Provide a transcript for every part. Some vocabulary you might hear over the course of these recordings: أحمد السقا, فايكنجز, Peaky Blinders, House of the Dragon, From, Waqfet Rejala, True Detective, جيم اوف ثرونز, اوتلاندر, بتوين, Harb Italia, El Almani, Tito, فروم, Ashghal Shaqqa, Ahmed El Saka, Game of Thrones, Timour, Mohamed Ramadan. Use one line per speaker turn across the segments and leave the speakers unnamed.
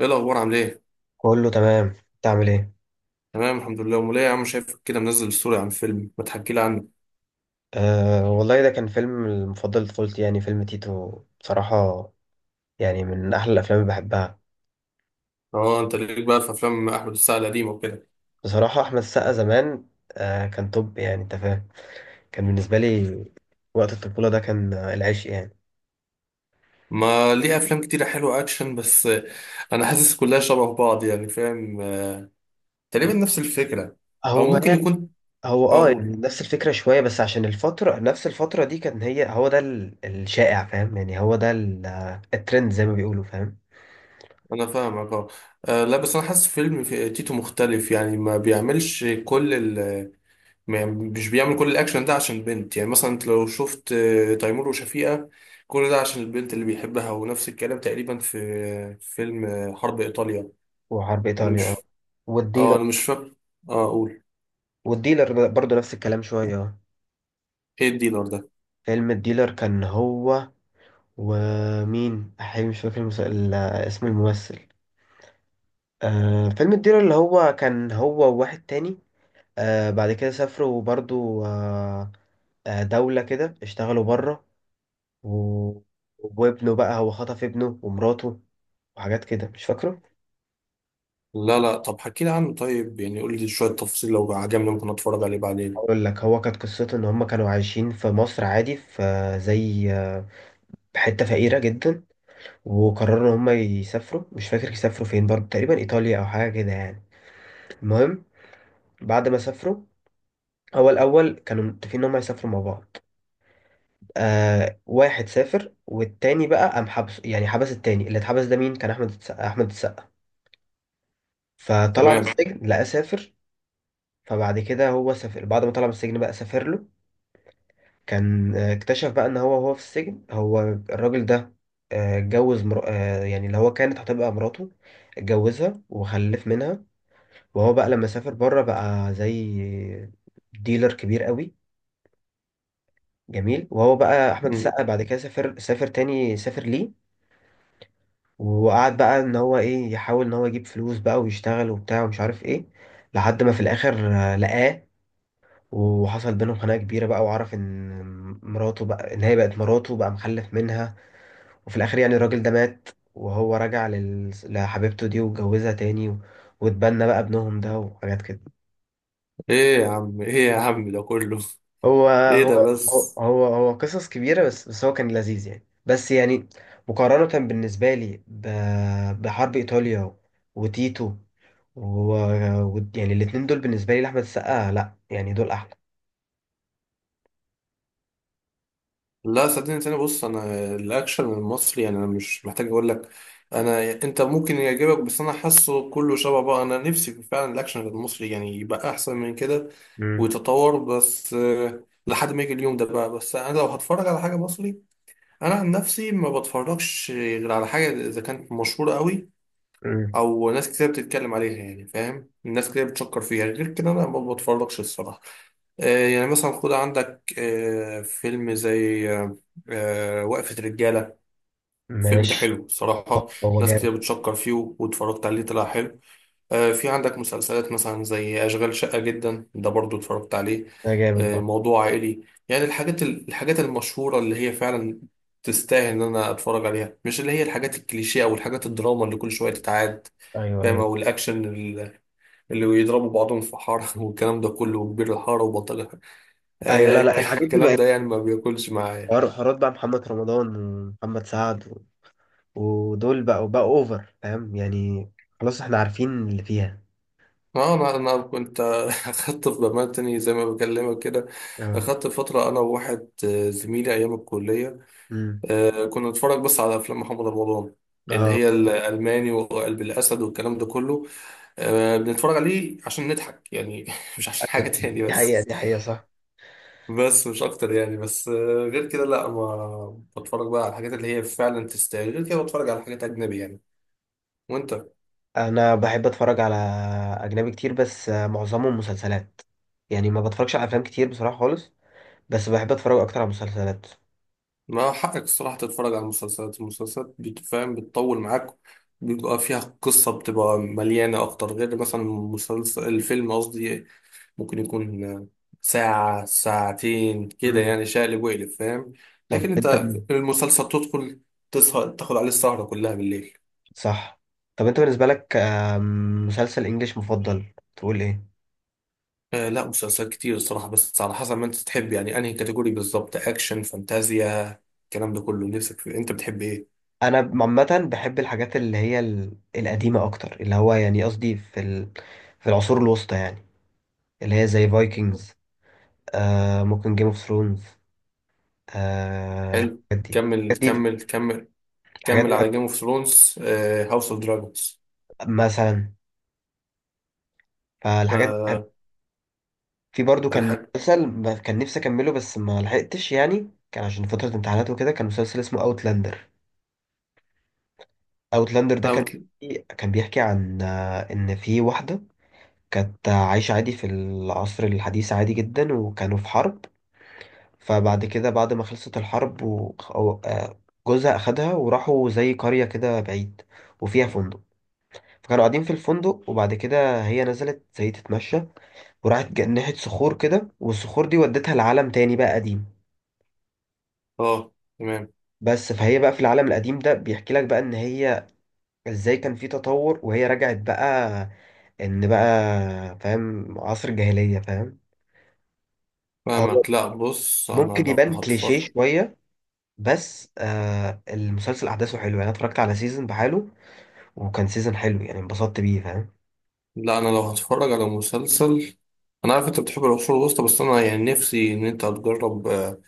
ايه الاخبار؟ عامل ايه؟
كله تمام. انت عامل ايه؟
تمام، الحمد لله. امال ايه يا عم؟ شايفك كده منزل ستوري عن فيلم، ما تحكي لي عنه.
آه، والله ده كان فيلم المفضل لطفولتي، يعني فيلم تيتو بصراحة. يعني من أحلى الأفلام اللي بحبها.
اه، انت ليك بقى في افلام احمد السقا القديمه وكده؟
بصراحة أحمد السقا زمان، كان توب، يعني أنت فاهم. كان بالنسبة لي وقت الطفولة ده كان العشق يعني.
ما ليه افلام كتيره حلوه اكشن، بس انا حاسس كلها شبه بعض يعني، فاهم؟ تقريبا نفس الفكره. او
هو
ممكن
يعني.
يكون.
هو
اقول.
يعني نفس الفكرة شوية، بس عشان الفترة نفس الفترة دي كان هي هو ده الشائع، فاهم؟ يعني هو ده الترند زي ما بيقولوا، فاهم.
انا فاهمك اه. لا بس انا حاسس فيلم في تيتو مختلف، يعني ما بيعملش كل. مش بيعمل كل الاكشن ده عشان البنت. يعني مثلا انت لو شفت تيمور وشفيقة، كل ده عشان البنت اللي بيحبها. ونفس الكلام تقريبا في في فيلم حرب ايطاليا.
وحرب
انا
إيطاليا
مش،
والديلر
اه انا مش فاكر. اه اقول.
والديلر برضه نفس الكلام شوية.
ايه الديلر ده؟
فيلم الديلر كان هو، ومين أحيي مش فاكر اسم الممثل. فيلم الديلر اللي هو كان هو وواحد تاني. بعد كده سافروا برضو. دولة كده اشتغلوا بره. و... وابنه بقى هو خطف ابنه ومراته وحاجات كده مش فاكره.
لا، لا، طب حكي لي عنه. طيب يعني قول لي شوية تفاصيل، لو عجبني ممكن اتفرج عليه بعدين.
أقول لك هو كانت قصته إن هما كانوا عايشين في مصر عادي، في زي حتة فقيرة جدا، وقرروا إن هما يسافروا. مش فاكر يسافروا فين، برضو تقريبا إيطاليا أو حاجة كده يعني. المهم، بعد ما سافروا، هو الأول كانوا متفقين إن هم يسافروا مع بعض. واحد سافر والتاني بقى قام حبس، يعني حبس. التاني اللي اتحبس ده مين كان؟ أحمد السقا. أحمد السقا فطلع من
تمام.
السجن لقى سافر. فبعد كده هو سافر، بعد ما طلع من السجن بقى سافر له. كان اكتشف بقى إن هو في السجن هو الراجل ده اتجوز مر... آه، يعني اللي هو كانت هتبقى مراته، اتجوزها وخلف منها. وهو بقى لما سافر بره بقى زي ديلر كبير قوي جميل. وهو بقى احمد
مم.
السقا بعد كده سافر سافر تاني، سافر ليه. وقعد بقى ان هو ايه، يحاول ان هو يجيب فلوس بقى ويشتغل وبتاع ومش عارف ايه. لحد ما في الاخر لقاه، وحصل بينهم خناقه كبيره بقى، وعرف ان مراته بقى، ان هي بقت مراته بقى مخلف منها. وفي الاخر يعني الراجل ده مات، وهو رجع لحبيبته دي واتجوزها تاني واتبنى بقى ابنهم ده وحاجات كده.
ايه يا عم، ايه يا عم، ده كله؟ ايه ده بس؟
هو قصص كبيرة، بس هو كان لذيذ يعني، بس يعني، مقارنة بالنسبة لي بحرب إيطاليا وتيتو و يعني الاتنين دول بالنسبة لي لأحمد السقا، لأ، يعني دول أحلى.
لا صدقني. تاني بص، انا الاكشن المصري يعني انا مش محتاج اقول لك. انا، انت ممكن يعجبك بس انا حاسه كله شبه بقى. انا نفسي في فعلا الاكشن المصري يعني يبقى احسن من كده
مم.
ويتطور، بس لحد ما يجي اليوم ده بقى. بس انا لو هتفرج على حاجه مصري، انا عن نفسي ما بتفرجش غير على حاجه اذا كانت مشهوره قوي.
مم.
او ناس كتير بتتكلم عليها، يعني فاهم؟ الناس كتير بتشكر فيها. غير كده انا ما بتفرجش الصراحه. يعني مثلا خد عندك فيلم زي وقفة رجالة. الفيلم ده
ماشي.
حلو
طب
الصراحة.
هو
ناس كتير
جامد؟
بتشكر فيه واتفرجت عليه طلع حلو. في عندك مسلسلات مثلا زي أشغال شقة جدا، ده برضو اتفرجت عليه.
ده جامد برضه.
موضوع عائلي. يعني الحاجات المشهورة اللي هي فعلا تستاهل إن أنا أتفرج عليها، مش اللي هي الحاجات الكليشيه أو الحاجات الدراما اللي كل شوية تتعاد.
أيوه
فاهم؟
أيوه.
أو الأكشن اللي بيضربوا بعضهم في حارة والكلام ده كله، وكبير الحارة، وبلطجة الحارة.
أيوه، لأ لأ، الحاجات دي
الكلام ده
بقت
يعني ما بياكلش معايا.
حوارات، بقى محمد رمضان ومحمد سعد ودول بقوا أوفر، فاهم يعني. خلاص إحنا عارفين اللي فيها.
اه انا كنت اخدت في بمال تاني زي ما بكلمك كده.
اه.
اخدت فتره انا وواحد زميلي ايام الكليه.
مم.
كنا نتفرج بس على افلام محمد رمضان، اللي
اه.
هي الالماني وقلب الاسد والكلام ده كله. بنتفرج عليه عشان نضحك يعني مش عشان حاجه تاني،
دي
بس
حقيقة، دي حقيقة، صح.
بس مش اكتر يعني، بس غير كده لا ما بتفرج بقى على الحاجات اللي هي فعلا تستاهل. غير كده بتفرج على حاجات اجنبي يعني. وانت؟
أنا بحب أتفرج على أجنبي كتير، بس معظمهم مسلسلات. يعني ما بتفرجش على أفلام كتير بصراحة خالص، بس بحب أتفرج أكتر على مسلسلات.
ما حقك الصراحه تتفرج على المسلسلات. المسلسلات بتفهم بتطول معاك، بيبقى فيها قصة بتبقى مليانة أكتر، غير مثلا مسلسل، الفيلم قصدي، ممكن يكون ساعة ساعتين كده،
مم.
يعني شقلب وقلب، فاهم؟
طب
لكن
أنت
انت، المسلسل تدخل تسهر تاخد عليه السهرة كلها بالليل.
صح. طب أنت بالنسبة لك مسلسل إنجليش مفضل تقول إيه؟
آه لا، مسلسلات كتير الصراحة، بس على حسب ما انت تحب، يعني انهي كاتيجوري بالظبط؟ اكشن، فانتازيا، الكلام ده كله. نفسك في انت بتحب ايه؟
أنا عامة بحب الحاجات اللي هي القديمة أكتر، اللي هو يعني قصدي في العصور الوسطى يعني، اللي هي زي فايكنجز، ممكن جيم اوف ثرونز،
حلو.
الحاجات دي.
كمل
الحاجات دي.
كمل كمل.
الحاجات
كمل
دي
على جيم اوف ثرونز. هاوس اوف دراجونز.
مثلا. فالحاجات دي، في برضو كان
الحاجة.
مسلسل كان نفسي اكمله بس ما لحقتش، يعني كان عشان فترة امتحانات وكده، كان مسلسل اسمه اوتلاندر. اوتلاندر ده كان
اوت.
بيحكي عن ان في واحدة كانت عايشة عادي في العصر الحديث، عادي جدا، وكانوا في حرب. فبعد كده بعد ما خلصت الحرب جوزها اخدها وراحوا زي قرية كده بعيد، وفيها فندق. فكانوا قاعدين في الفندق، وبعد كده هي نزلت زي تتمشى، وراحت ناحية صخور كده، والصخور دي ودتها لعالم تاني بقى قديم.
اه. تمام.
بس فهي بقى في العالم القديم ده بيحكي لك بقى ان هي ازاي كان في تطور، وهي رجعت بقى ان بقى، فاهم، عصر الجاهلية، فاهم. هو
فاهمك. لا بص انا
ممكن
لو
يبان كليشيه
هتفرج،
شوية، بس المسلسل احداثه حلوه يعني، أنا اتفرجت على سيزون بحاله، وكان سيزون حلو يعني، انبسطت بيه فاهم.
لا انا لو هتفرج على مسلسل، انا عارف انت بتحب العصور الوسطى، بس انا يعني نفسي ان انت تجرب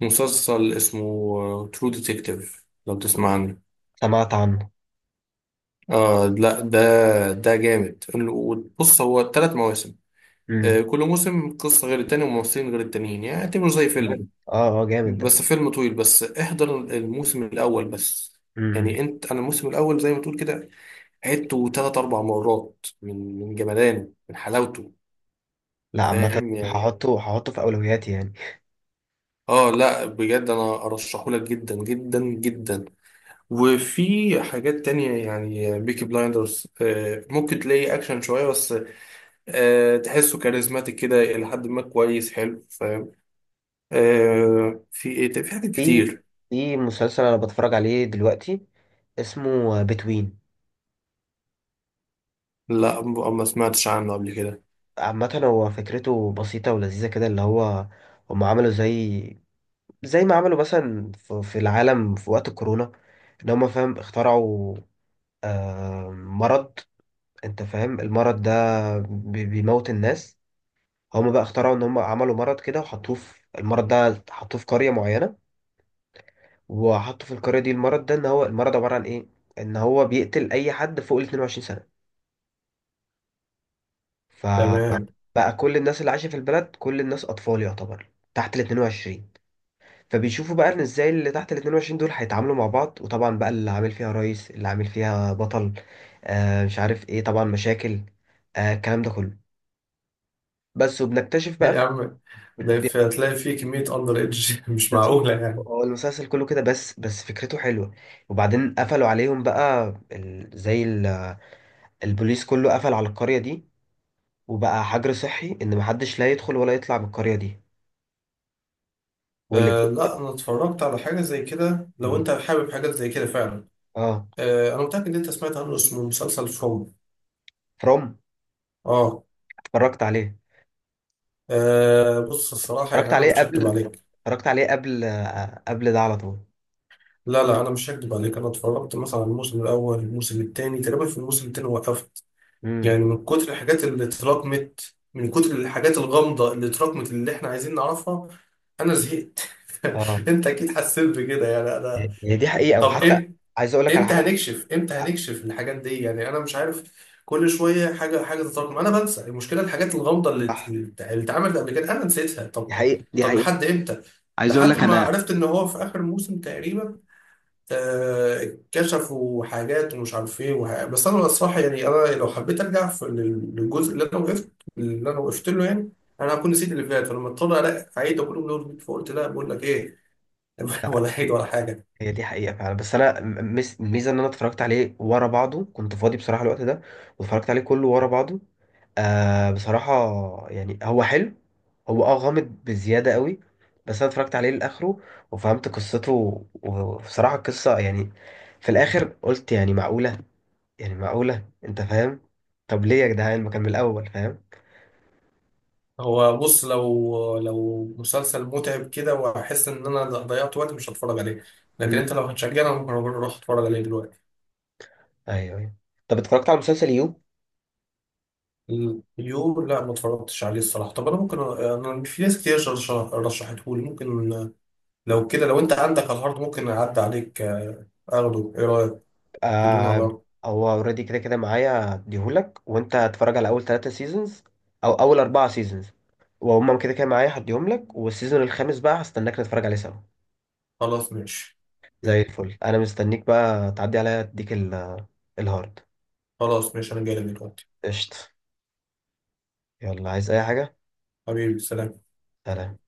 مسلسل اسمه ترو ديتكتيف، لو تسمع عنه.
سمعت عنه.
آه لا، ده جامد. بص هو ثلاث مواسم. آه،
امم.
كل موسم قصة غير التاني وممثلين غير التانيين، يعني اعتبره زي
جامد،
فيلم،
اه، اه، جامد ده.
بس فيلم طويل. بس احضر الموسم الاول بس.
امم.
يعني انت، انا الموسم الاول زي ما تقول كده عدته ثلاث اربع مرات، من جمدانه، من حلاوته.
لا عامة
فاهم يعني؟
هحطه، في اولوياتي يعني.
اه لا بجد، انا ارشحهولك جدا جدا جدا. وفي حاجات تانية، يعني بيكي بلايندرز ممكن تلاقي اكشن شوية، بس تحسه كاريزماتيك كده الى حد ما، كويس حلو فاهم؟ في ايه تاني؟ في حاجات
في
كتير.
في مسلسل انا بتفرج عليه دلوقتي، اسمه بتوين.
لا ما سمعتش عنه قبل كده.
عامة هو فكرته بسيطة ولذيذة كده، اللي هو هم عملوا زي، ما عملوا مثلا في العالم في وقت الكورونا، ان هم فاهم اخترعوا مرض. انت فاهم المرض ده، بيموت الناس. هم بقى اخترعوا ان هم عملوا مرض كده وحطوه، في المرض ده حطوه في قرية معينة، وحطوا في القرية دي المرض ده، ان هو المرض عبارة عن ايه، ان هو بيقتل اي حد فوق ال 22 سنة.
تمام.
فبقى كل الناس اللي عايشة في البلد، كل الناس أطفال يعتبر تحت ال 22. فبيشوفوا بقى إن إزاي اللي تحت ال 22 دول هيتعاملوا مع بعض، وطبعا بقى اللي عامل فيها رئيس، اللي عامل فيها بطل، مش عارف إيه، طبعا مشاكل، الكلام ده كله. بس وبنكتشف بقى
يا
في
عم ده
بي-
هتلاقي فيه كمية أندر إيدج مش
بس-
معقولة يعني.
هو المسلسل كله كده، بس فكرته حلوة. وبعدين قفلوا عليهم بقى البوليس كله قفل على القرية دي، وبقى حجر صحي إن محدش لا يدخل ولا يطلع من القرية دي، واللي.
آه لا، أنا اتفرجت على حاجة زي كده. لو أنت حابب حاجات زي كده فعلا،
اه.
آه أنا متأكد إن أنت سمعت عنه، اسمه مسلسل فروم.
فروم.
اه.
اتفرجت عليه.
بص الصراحة
اتفرجت
يعني أنا
عليه
مش هكدب
قبل.
عليك.
اتفرجت عليه قبل، قبل ده على طول.
لا، لا، أنا مش هكدب عليك. أنا اتفرجت مثلا على الموسم الأول، الموسم التاني تقريبا، في الموسم التاني وقفت.
امم.
يعني من كتر الحاجات اللي اتراكمت، من كتر الحاجات الغامضة اللي اتراكمت، اللي إحنا عايزين نعرفها، أنا زهقت.
اه.
أنت أكيد حسيت بكده يعني، أنا.
هي دي حقيقة،
طب
وحتى
إمتى؟
عايز اقول لك على
امتى
حاجة.
هنكشف امتى هنكشف الحاجات دي، يعني انا مش عارف. كل شويه حاجه حاجه تتراكم، انا بنسى. المشكله الحاجات الغامضه اللي
صح.
اللي اتعملت قبل كده، انا نسيتها.
دي
طب،
حقيقة، دي
طب
حقيقة.
لحد امتى؟
عايز اقول
لحد
لك
ما
انا.
عرفت ان هو في اخر موسم تقريبا، كشفوا حاجات ومش عارف ايه بس انا الصراحه، يعني انا لو حبيت ارجع في للجزء، اللي انا وقفت له يعني، انا هكون نسيت اللي فات، فلما اضطر الاقي اعيد كل من اول، فقلت لا، بقول لك ايه؟ ولا عيد ولا حاجه.
هي دي حقيقة فعلا، بس أنا الميزة إن أنا اتفرجت عليه ورا بعضه، كنت فاضي بصراحة الوقت ده، واتفرجت عليه كله ورا بعضه. بصراحة، يعني هو حلو، هو غامض بزيادة قوي، بس أنا اتفرجت عليه لآخره وفهمت قصته وبصراحة القصة يعني في الآخر قلت، يعني معقولة، يعني معقولة أنت فاهم؟ طب ليه يا جدعان ما كان من الأول، فاهم.
هو بص، لو مسلسل متعب كده واحس ان انا ضيعت وقت، مش هتفرج عليه. لكن
مم.
انت لو هتشجعني انا ممكن اروح اتفرج عليه دلوقتي.
أيوه أيوه. طب اتفرجت على مسلسل يو؟
يو؟ لا ما اتفرجتش عليه الصراحه. طب انا ممكن، انا في ناس كتير رشحته لي، ممكن لو كده، لو انت عندك على الهارد ممكن اعدي عليك اخده، ايه رايك؟ تدونا
آه.
برضه؟
هو اوريدي كده كده معايا، هديهولك وانت هتتفرج على اول 3 سيزونز، او اول 4 سيزونز، وهم كده كده معايا هديهم لك، والسيزون الخامس بقى هستناك نتفرج عليه سوا.
خلاص ماشي.
زي الفل. انا مستنيك بقى تعدي عليا اديك الهارد.
خلاص ماشي، انا جاي لك دلوقتي.
قشطة. يلا، عايز اي حاجة؟
حبيبي، سلام.
سلام.